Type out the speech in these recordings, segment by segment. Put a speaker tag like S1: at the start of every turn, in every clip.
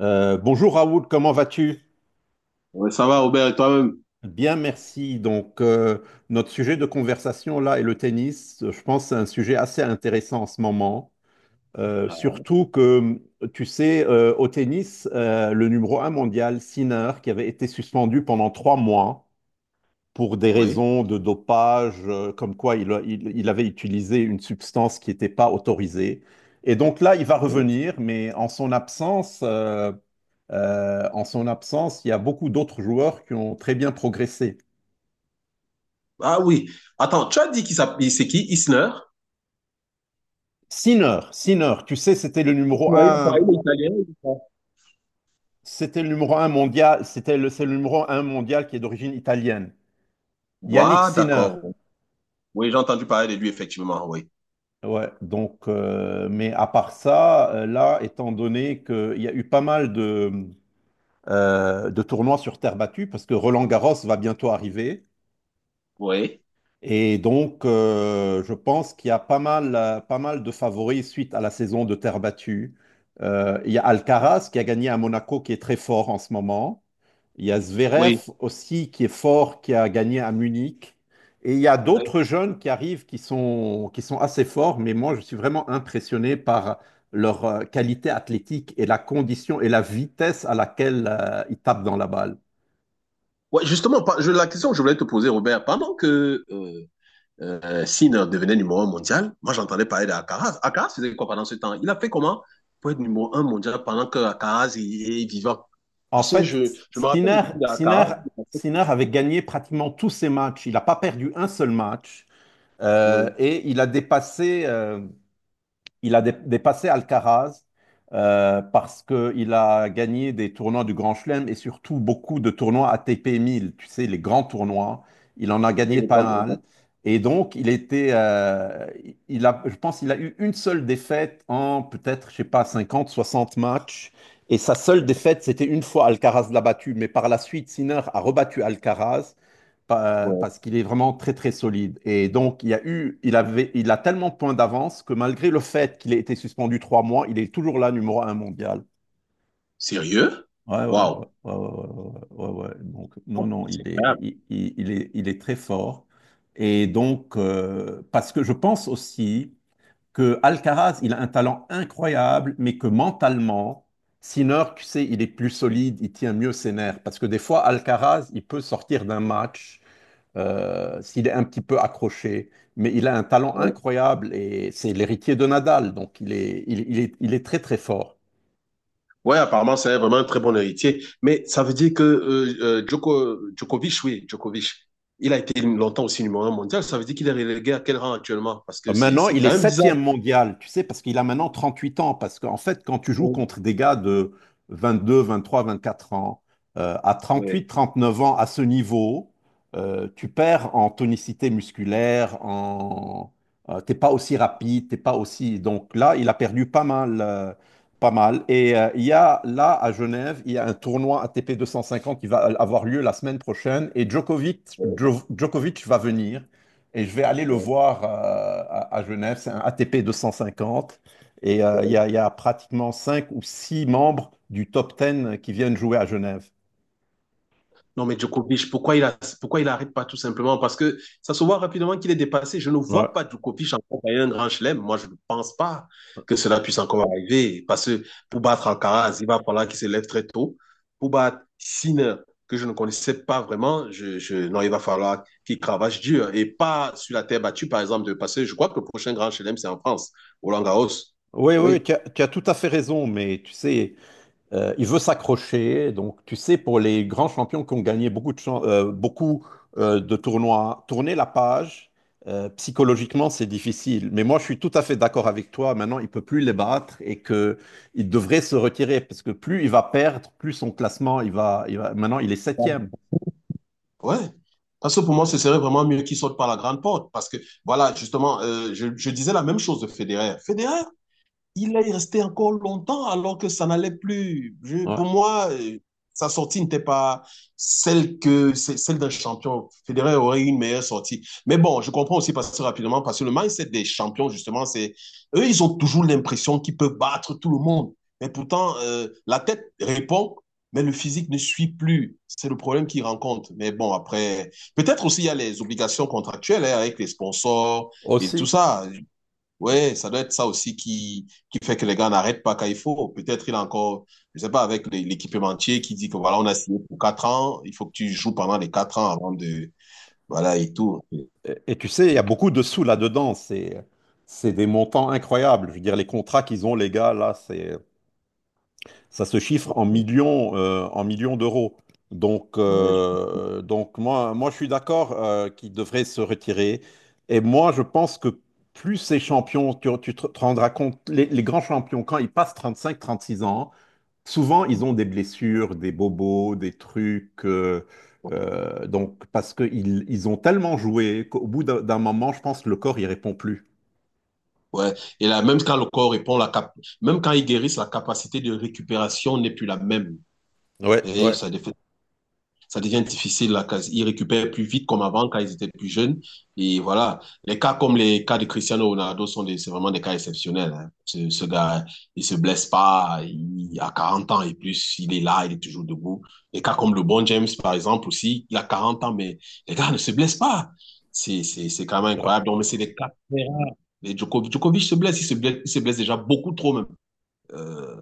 S1: Bonjour Raoul, comment vas-tu?
S2: Ouais, ça va, Robert, et toi-même?
S1: Bien, merci. Donc, notre sujet de conversation là est le tennis. Je pense que c'est un sujet assez intéressant en ce moment.
S2: Ah,
S1: Surtout que, tu sais, au tennis, le numéro un mondial, Sinner, qui avait été suspendu pendant 3 mois pour des
S2: oui.
S1: raisons de dopage, comme quoi il, il avait utilisé une substance qui n'était pas autorisée. Et donc là, il va revenir, mais en son absence, il y a beaucoup d'autres joueurs qui ont très bien progressé.
S2: Ah oui. Attends, tu as dit qu'il s'appelle, c'est qui? Isner?
S1: Tu sais,
S2: Ouais, il est pas- il est italien, je crois.
S1: c'était le numéro un mondial, c'est le numéro un mondial qui est d'origine italienne. Yannick
S2: Ouais,
S1: Sinner.
S2: d'accord. Oui, j'ai entendu parler de lui, effectivement, oui.
S1: Ouais, donc, mais à part ça, là, étant donné qu'il y a eu pas mal de tournois sur terre battue, parce que Roland Garros va bientôt arriver.
S2: Oui.
S1: Et donc, je pense qu'il y a pas mal de favoris suite à la saison de terre battue. Il y a Alcaraz qui a gagné à Monaco, qui est très fort en ce moment. Il y a Zverev
S2: Oui.
S1: aussi qui est fort, qui a gagné à Munich. Et il y a
S2: Oui.
S1: d'autres jeunes qui arrivent qui sont assez forts, mais moi, je suis vraiment impressionné par leur qualité athlétique et la condition et la vitesse à laquelle ils tapent dans la balle.
S2: Ouais, justement, la question que je voulais te poser, Robert, pendant que Sinner devenait numéro un mondial, moi j'entendais parler d'Alcaraz. Alcaraz faisait quoi pendant ce temps? Il a fait comment pour être numéro un mondial pendant que Alcaraz est, est vivant?
S1: En
S2: Parce que
S1: fait,
S2: je me rappelle aussi d'Alcaraz.
S1: Sinner avait gagné pratiquement tous ses matchs. Il n'a pas perdu un seul match.
S2: Oui,
S1: Et il a dépassé, dépassé Alcaraz parce qu'il a gagné des tournois du Grand Chelem et surtout beaucoup de tournois ATP 1000, tu sais, les grands tournois. Il en a
S2: oui,
S1: gagné
S2: le
S1: pas
S2: grand tournoi.
S1: mal. Et donc, il a, je pense qu'il a eu une seule défaite en peut-être, je sais pas, 50, 60 matchs. Et sa seule défaite, c'était une fois Alcaraz l'a battu. Mais par la suite, Sinner a rebattu Alcaraz parce qu'il est vraiment très très solide. Et donc, il y a eu, il avait, il a tellement de points d'avance que malgré le fait qu'il ait été suspendu 3 mois, il est toujours là numéro un mondial.
S2: Sérieux?
S1: Ouais, ouais, ouais,
S2: Waouh!
S1: ouais, ouais, ouais, ouais, ouais, ouais. Donc, non,
S2: Oh,
S1: non,
S2: c'est incroyable.
S1: il est très fort. Et donc, parce que je pense aussi que Alcaraz, il a un talent incroyable, mais que mentalement, Sinner, tu sais, il est plus solide, il tient mieux ses nerfs. Parce que des fois, Alcaraz, il peut sortir d'un match s'il est un petit peu accroché, mais il a un talent
S2: Ouais.
S1: incroyable et c'est l'héritier de Nadal, donc il est très très fort.
S2: Ouais, apparemment, c'est vraiment un très bon héritier. Mais ça veut dire que Djokovic, oui, Djokovic, il a été longtemps aussi numéro un mondial. Ça veut dire qu'il est relégué à quel rang actuellement? Parce que c'est
S1: Maintenant,
S2: c'est
S1: il est
S2: quand même bizarre.
S1: septième mondial, tu sais, parce qu'il a maintenant 38 ans. Parce qu'en fait, quand tu joues
S2: Ouais,
S1: contre des gars de 22, 23, 24 ans, à 38,
S2: ouais,
S1: 39 ans, à ce niveau, tu perds en tonicité musculaire, en, t'es pas aussi rapide, t'es pas aussi. Donc là, il a perdu pas mal, pas mal. Et il y a là à Genève, il y a un tournoi ATP 250 qui va avoir lieu la semaine prochaine, et Djokovic va venir. Et je vais aller le
S2: ouais,
S1: voir à Genève. C'est un ATP 250. Et
S2: ouais.
S1: il y a pratiquement 5 ou 6 membres du top 10 qui viennent jouer à Genève.
S2: Non, mais Djokovic, pourquoi pourquoi il n'arrête pas tout simplement? Parce que ça se voit rapidement qu'il est dépassé. Je ne
S1: Ouais.
S2: vois pas Djokovic encore gagner un grand chelem. Moi, je ne pense pas que cela puisse encore arriver. Parce que pour battre Alcaraz, il va falloir qu'il se lève très tôt. Pour battre Sinner, que je ne connaissais pas vraiment, non, il va falloir qu'il cravache dur et pas sur la terre battue, par exemple, de passer. Je crois que le prochain grand chelem, c'est en France, Roland Garros.
S1: Oui, oui,
S2: Oui.
S1: tu as tout à fait raison. Mais tu sais, il veut s'accrocher. Donc, tu sais, pour les grands champions qui ont gagné beaucoup, de tournois, tourner la page, psychologiquement, c'est difficile. Mais moi, je suis tout à fait d'accord avec toi. Maintenant, il peut plus les battre et que il devrait se retirer parce que plus il va perdre, plus son classement, il va. Maintenant, il est septième.
S2: Ouais. Parce que pour moi, ce serait vraiment mieux qu'il sorte par la grande porte. Parce que, voilà, justement, je disais la même chose de Federer. Federer, il est resté encore longtemps alors que ça n'allait plus.
S1: Ouais.
S2: Pour moi, sa sortie n'était pas celle d'un champion. Federer aurait eu une meilleure sortie. Mais bon, je comprends aussi parce que rapidement, parce que le mindset des champions, justement, c'est eux, ils ont toujours l'impression qu'ils peuvent battre tout le monde. Mais pourtant, la tête répond, mais le physique ne suit plus. C'est le problème qu'ils rencontrent. Mais bon, après, peut-être aussi il y a les obligations contractuelles hein, avec les sponsors et tout
S1: Aussi.
S2: ça. Ouais, ça doit être ça aussi qui fait que les gars n'arrêtent pas quand il faut. Peut-être il a encore, je sais pas, avec l'équipementier qui dit que voilà, on a signé pour quatre ans, il faut que tu joues pendant les quatre ans avant de, voilà, et tout.
S1: Et tu sais, il y a beaucoup de sous là-dedans. C'est des montants incroyables. Je veux dire, les contrats qu'ils ont, les gars, là, c'est. Ça se chiffre en millions d'euros.
S2: Ouais,
S1: Donc je suis d'accord qu'il devrait se retirer. Et moi, je pense que plus ces champions, tu te rendras compte, les grands champions, quand ils passent 35-36 ans, souvent, ils ont des blessures, des bobos, des trucs. Donc, parce qu'ils ils ont tellement joué qu'au bout d'un moment, je pense que le corps, il répond plus.
S2: ouais. Et là, même quand le corps répond, même quand ils guérissent, la capacité de récupération n'est plus la même.
S1: Ouais,
S2: Et
S1: ouais.
S2: ça devient difficile. Là, ils récupèrent plus vite comme avant quand ils étaient plus jeunes. Et voilà, les cas de Cristiano Ronaldo sont des, c'est vraiment des cas exceptionnels, hein. Ce gars, il se blesse pas, il a 40 ans et plus, il est là, il est toujours debout. Les cas comme le bon James, par exemple, aussi, il a 40 ans, mais les gars ne se blessent pas. C'est quand même incroyable. Donc, mais c'est
S1: Ouais.
S2: des cas. Les Djokovic, Djokovic se blesse, il se blesse déjà beaucoup trop même euh,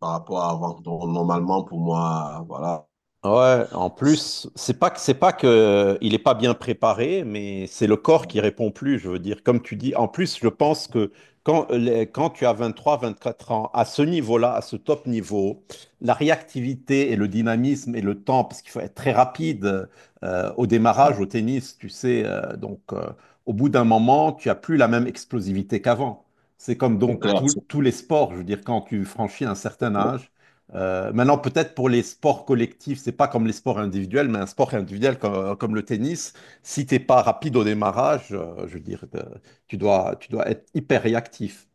S2: par rapport à avant. Donc, normalement, pour moi, voilà,
S1: Ouais, en
S2: c'est
S1: plus, c'est pas que il est pas bien préparé, mais c'est le corps qui répond plus, je veux dire. Comme tu dis, en plus, je pense que quand, quand tu as 23, 24 ans, à ce niveau-là, à ce top niveau, la réactivité et le dynamisme et le temps, parce qu'il faut être très rapide au démarrage, au tennis, tu sais, donc au bout d'un moment, tu as plus la même explosivité qu'avant. C'est comme
S2: c'est
S1: donc
S2: clair.
S1: tous les sports, je veux dire, quand tu franchis un certain âge maintenant, peut-être pour les sports collectifs, c'est pas comme les sports individuels, mais un sport individuel comme, comme le tennis, si t'es pas rapide au démarrage, je veux dire, tu dois être hyper réactif.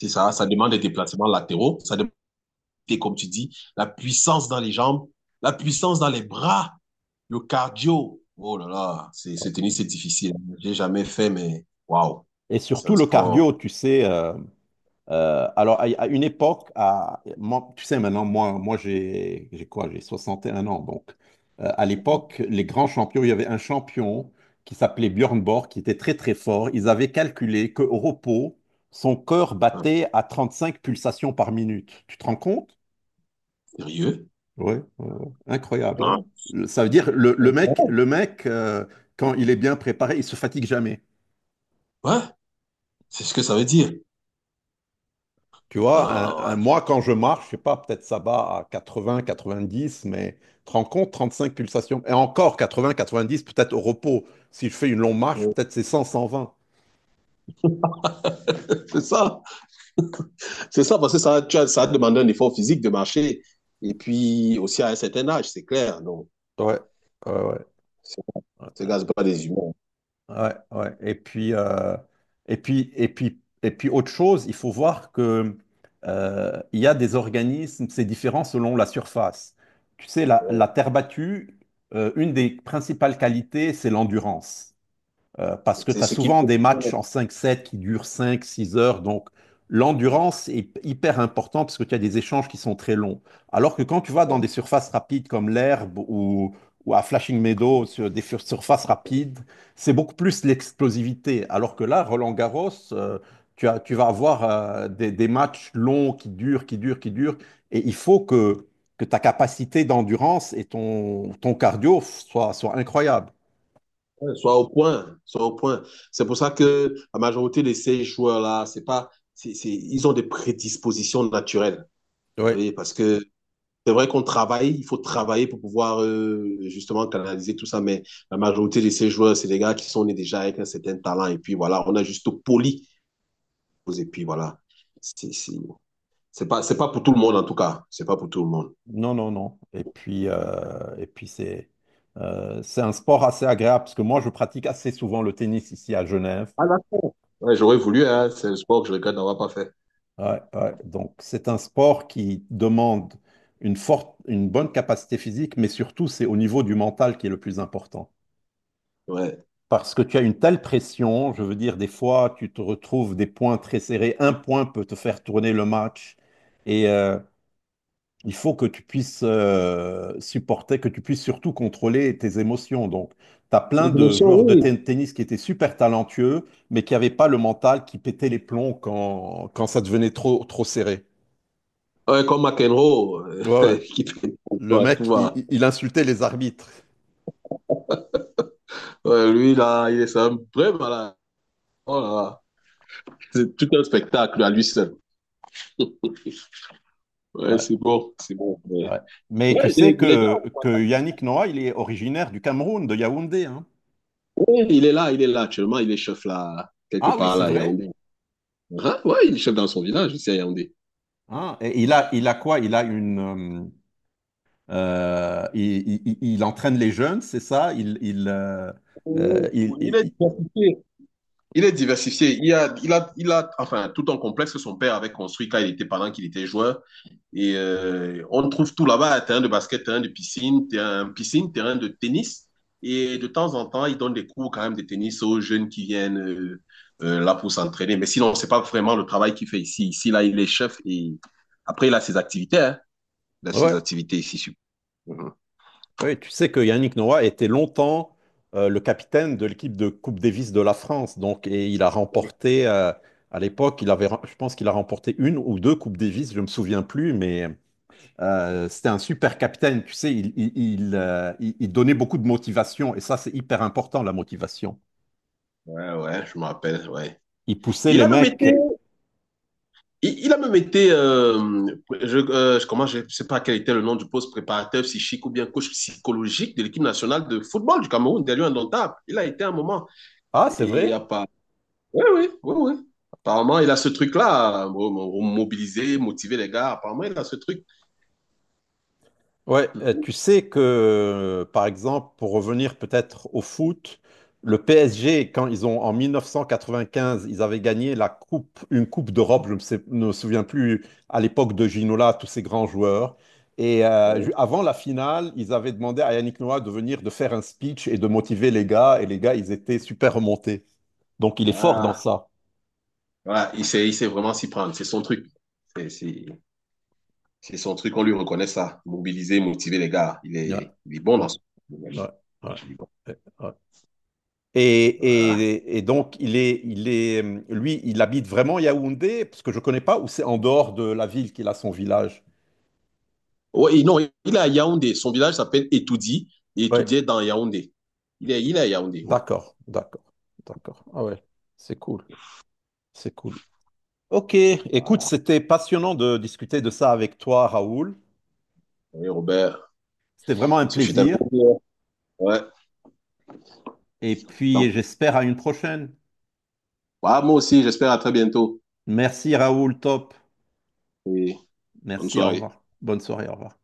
S2: C'est ça, ça demande des déplacements latéraux, ça demande, comme tu dis, la puissance dans les jambes, la puissance dans les bras, le cardio. Oh là là, c'est, ce tennis, c'est difficile. J'ai jamais fait, mais waouh,
S1: Et
S2: c'est un
S1: surtout le
S2: sport
S1: cardio, tu sais, alors, à une époque, moi, tu sais, maintenant, moi j'ai quoi? J'ai 61 ans. Donc, à
S2: euh,
S1: l'époque, les grands champions, il y avait un champion qui s'appelait Björn Borg, qui était très, très fort. Ils avaient calculé qu'au repos, son cœur battait à 35 pulsations par minute. Tu te rends compte?
S2: sérieux.
S1: Oui, incroyable, hein?
S2: Hein.
S1: Ça veut dire, le mec quand il est bien préparé, il se fatigue jamais.
S2: Ouais, c'est ce que ça veut dire.
S1: Tu vois,
S2: Ah,
S1: moi, quand je marche, je sais pas, peut-être ça bat à 80, 90, mais tu te rends compte, 35 pulsations. Et encore 80, 90, peut-être au repos. Si je fais une longue marche,
S2: ouais.
S1: peut-être c'est 100, 120.
S2: C'est ça, c'est ça, parce que ça, ça a demandé un effort physique de marcher. Et puis aussi à un certain âge, c'est clair. Donc,
S1: Ouais, ouais, ouais.
S2: c'est- ces gars, c'est pas des humains.
S1: Ouais, ouais. Et puis, et puis, autre chose, il faut voir que il y a des organismes, c'est différent selon la surface. Tu sais, la terre battue, une des principales qualités, c'est l'endurance. Parce que tu
S2: C'est
S1: as
S2: ce qui.
S1: souvent des matchs en cinq 7 qui durent cinq six heures. Donc, l'endurance est hyper importante parce que tu as des échanges qui sont très longs. Alors que quand tu vas dans des surfaces rapides comme l'herbe ou à Flashing Meadow, sur des surfaces rapides, c'est beaucoup plus l'explosivité. Alors que là, Roland-Garros, tu vas avoir des matchs longs qui durent, qui durent, qui durent. Et que ta capacité d'endurance et ton cardio soient incroyables.
S2: Ouais, soit au point, soit au point. C'est pour ça que la majorité de ces joueurs-là, c'est pas, c'est- ils ont des prédispositions naturelles. Vous
S1: Oui.
S2: voyez, parce que c'est vrai qu'on travaille, il faut travailler pour pouvoir justement canaliser tout ça, mais la majorité de ces joueurs, c'est des gars qui sont nés déjà avec un certain talent, et puis voilà, on a juste poli, et puis voilà. C'est c'est- c'est pas pour tout le monde en tout cas, c'est pas pour tout le monde.
S1: Non, non, non. Et puis c'est un sport assez agréable parce que moi, je pratique assez souvent le tennis ici à Genève.
S2: Ah, d'accord. Ouais, j'aurais voulu, hein, c'est le sport que je regrette d'avoir pas fait.
S1: Ouais, ouais. Donc, c'est un sport qui demande une bonne capacité physique, mais surtout, c'est au niveau du mental qui est le plus important.
S2: Ouais.
S1: Parce que tu as une telle pression, je veux dire, des fois, tu te retrouves des points très serrés. Un point peut te faire tourner le match. Et, euh, Il faut que tu puisses supporter, que tu puisses surtout contrôler tes émotions. Donc, tu as
S2: Les
S1: plein de
S2: émotions,
S1: joueurs de
S2: oui.
S1: tennis qui étaient super talentueux, mais qui n'avaient pas le mental, qui pétaient les plombs quand, quand ça devenait trop, trop serré.
S2: Ouais, comme McEnroe,
S1: Ouais, ouais.
S2: qui fait pour
S1: Le
S2: toi, tout
S1: mec,
S2: va.
S1: il insultait les arbitres.
S2: Ouais, lui, là, il est c'est un vrai malade. Oh là là. C'est tout un spectacle à lui seul. Ouais, c'est
S1: Ouais,
S2: bon, c'est bon. Ouais.
S1: ouais. Mais tu
S2: Ouais,
S1: sais
S2: les, mais les gars,
S1: que, que
S2: s'entend.
S1: Yannick Noah, il est originaire du Cameroun, de Yaoundé, hein.
S2: Ouais, il est là actuellement, il est chef là, quelque
S1: Ah oui,
S2: part
S1: c'est
S2: là, à
S1: vrai.
S2: Yaoundé. Hein? Ouais, il est chef dans son village, ici à Yaoundé.
S1: Hein. Et il a quoi? Il a une, euh, il entraîne les jeunes, c'est ça? Euh,
S2: Oh,
S1: il-
S2: il
S1: il-
S2: est
S1: il-
S2: diversifié. Il est diversifié. Il a, enfin, tout un complexe que son père avait construit quand il était, pendant qu'il était joueur. Et on trouve tout là-bas, terrain de basket, terrain de piscine, terrain de tennis. Et de temps en temps, ils donnent des cours quand même de tennis aux jeunes qui viennent là pour s'entraîner. Mais sinon, c'est pas vraiment le travail qu'il fait ici. Ici, là, il est chef et après, il a ses activités, hein. Il a ses
S1: Ouais,
S2: activités ici. Sur- mhm.
S1: ouais, tu sais que Yannick Noah était longtemps le capitaine de l'équipe de Coupe Davis de la France. Donc, et il a remporté, à l'époque, il avait, rem- je pense qu'il a remporté une ou deux Coupes Davis, je ne me souviens plus, mais c'était un super capitaine. Tu sais, il donnait beaucoup de motivation. Et ça, c'est hyper important, la motivation.
S2: Ouais, ouais, je me rappelle, ouais.
S1: Il poussait
S2: Il
S1: les
S2: a même été.
S1: mecs.
S2: Il a même été, je, ne je- je sais pas quel était le nom du poste préparateur psychique ou bien coach psychologique de l'équipe nationale de football du Cameroun, Derrière un Indomptable. Il a été un moment.
S1: Ah, c'est
S2: Il a
S1: vrai?
S2: pas. Oui, oui, oui, oui. Apparemment, il a ce truc-là, mobiliser, motiver les gars. Apparemment, il a ce truc.
S1: Ouais,
S2: Mhm.
S1: tu sais que, par exemple, pour revenir peut-être au foot, le PSG, quand ils ont, en 1995, ils avaient gagné la coupe, une coupe d'Europe, je ne sais- ne me souviens plus, à l'époque de Ginola, tous ces grands joueurs. Et avant la finale, ils avaient demandé à Yannick Noah de venir, de faire un speech et de motiver les gars. Et les gars, ils étaient super remontés. Donc, il est fort dans
S2: Voilà.
S1: ça.
S2: Voilà, il sait vraiment s'y prendre. C'est son truc. C'est c'est- c'est son truc, on lui reconnaît ça. Mobiliser, motiver les gars.
S1: Ouais,
S2: Il est bon
S1: ouais,
S2: dans ce truc.
S1: ouais, ouais, ouais. Et,
S2: Voilà.
S1: donc, lui, il habite vraiment Yaoundé, parce que je ne connais pas, ou c'est en dehors de la ville qu'il a son village?
S2: Ouais, non, il est à Yaoundé. Son village s'appelle Etoudi. Et
S1: Ouais,
S2: Etoudi est dans Yaoundé. Il est à Yaoundé, oui.
S1: d'accord, d'accord, d'accord. Ah ouais, c'est cool, c'est cool. Ok, écoute,
S2: Voilà.
S1: c'était passionnant de discuter de ça avec toi, Raoul.
S2: Oui, Robert,
S1: C'était vraiment un
S2: ce fut un
S1: plaisir.
S2: plaisir. Ouais.
S1: Et puis,
S2: Donc,
S1: j'espère à une prochaine.
S2: bah, moi aussi, j'espère à très bientôt.
S1: Merci, Raoul, top.
S2: Et bonne
S1: Merci, au
S2: soirée.
S1: revoir. Bonne soirée, au revoir.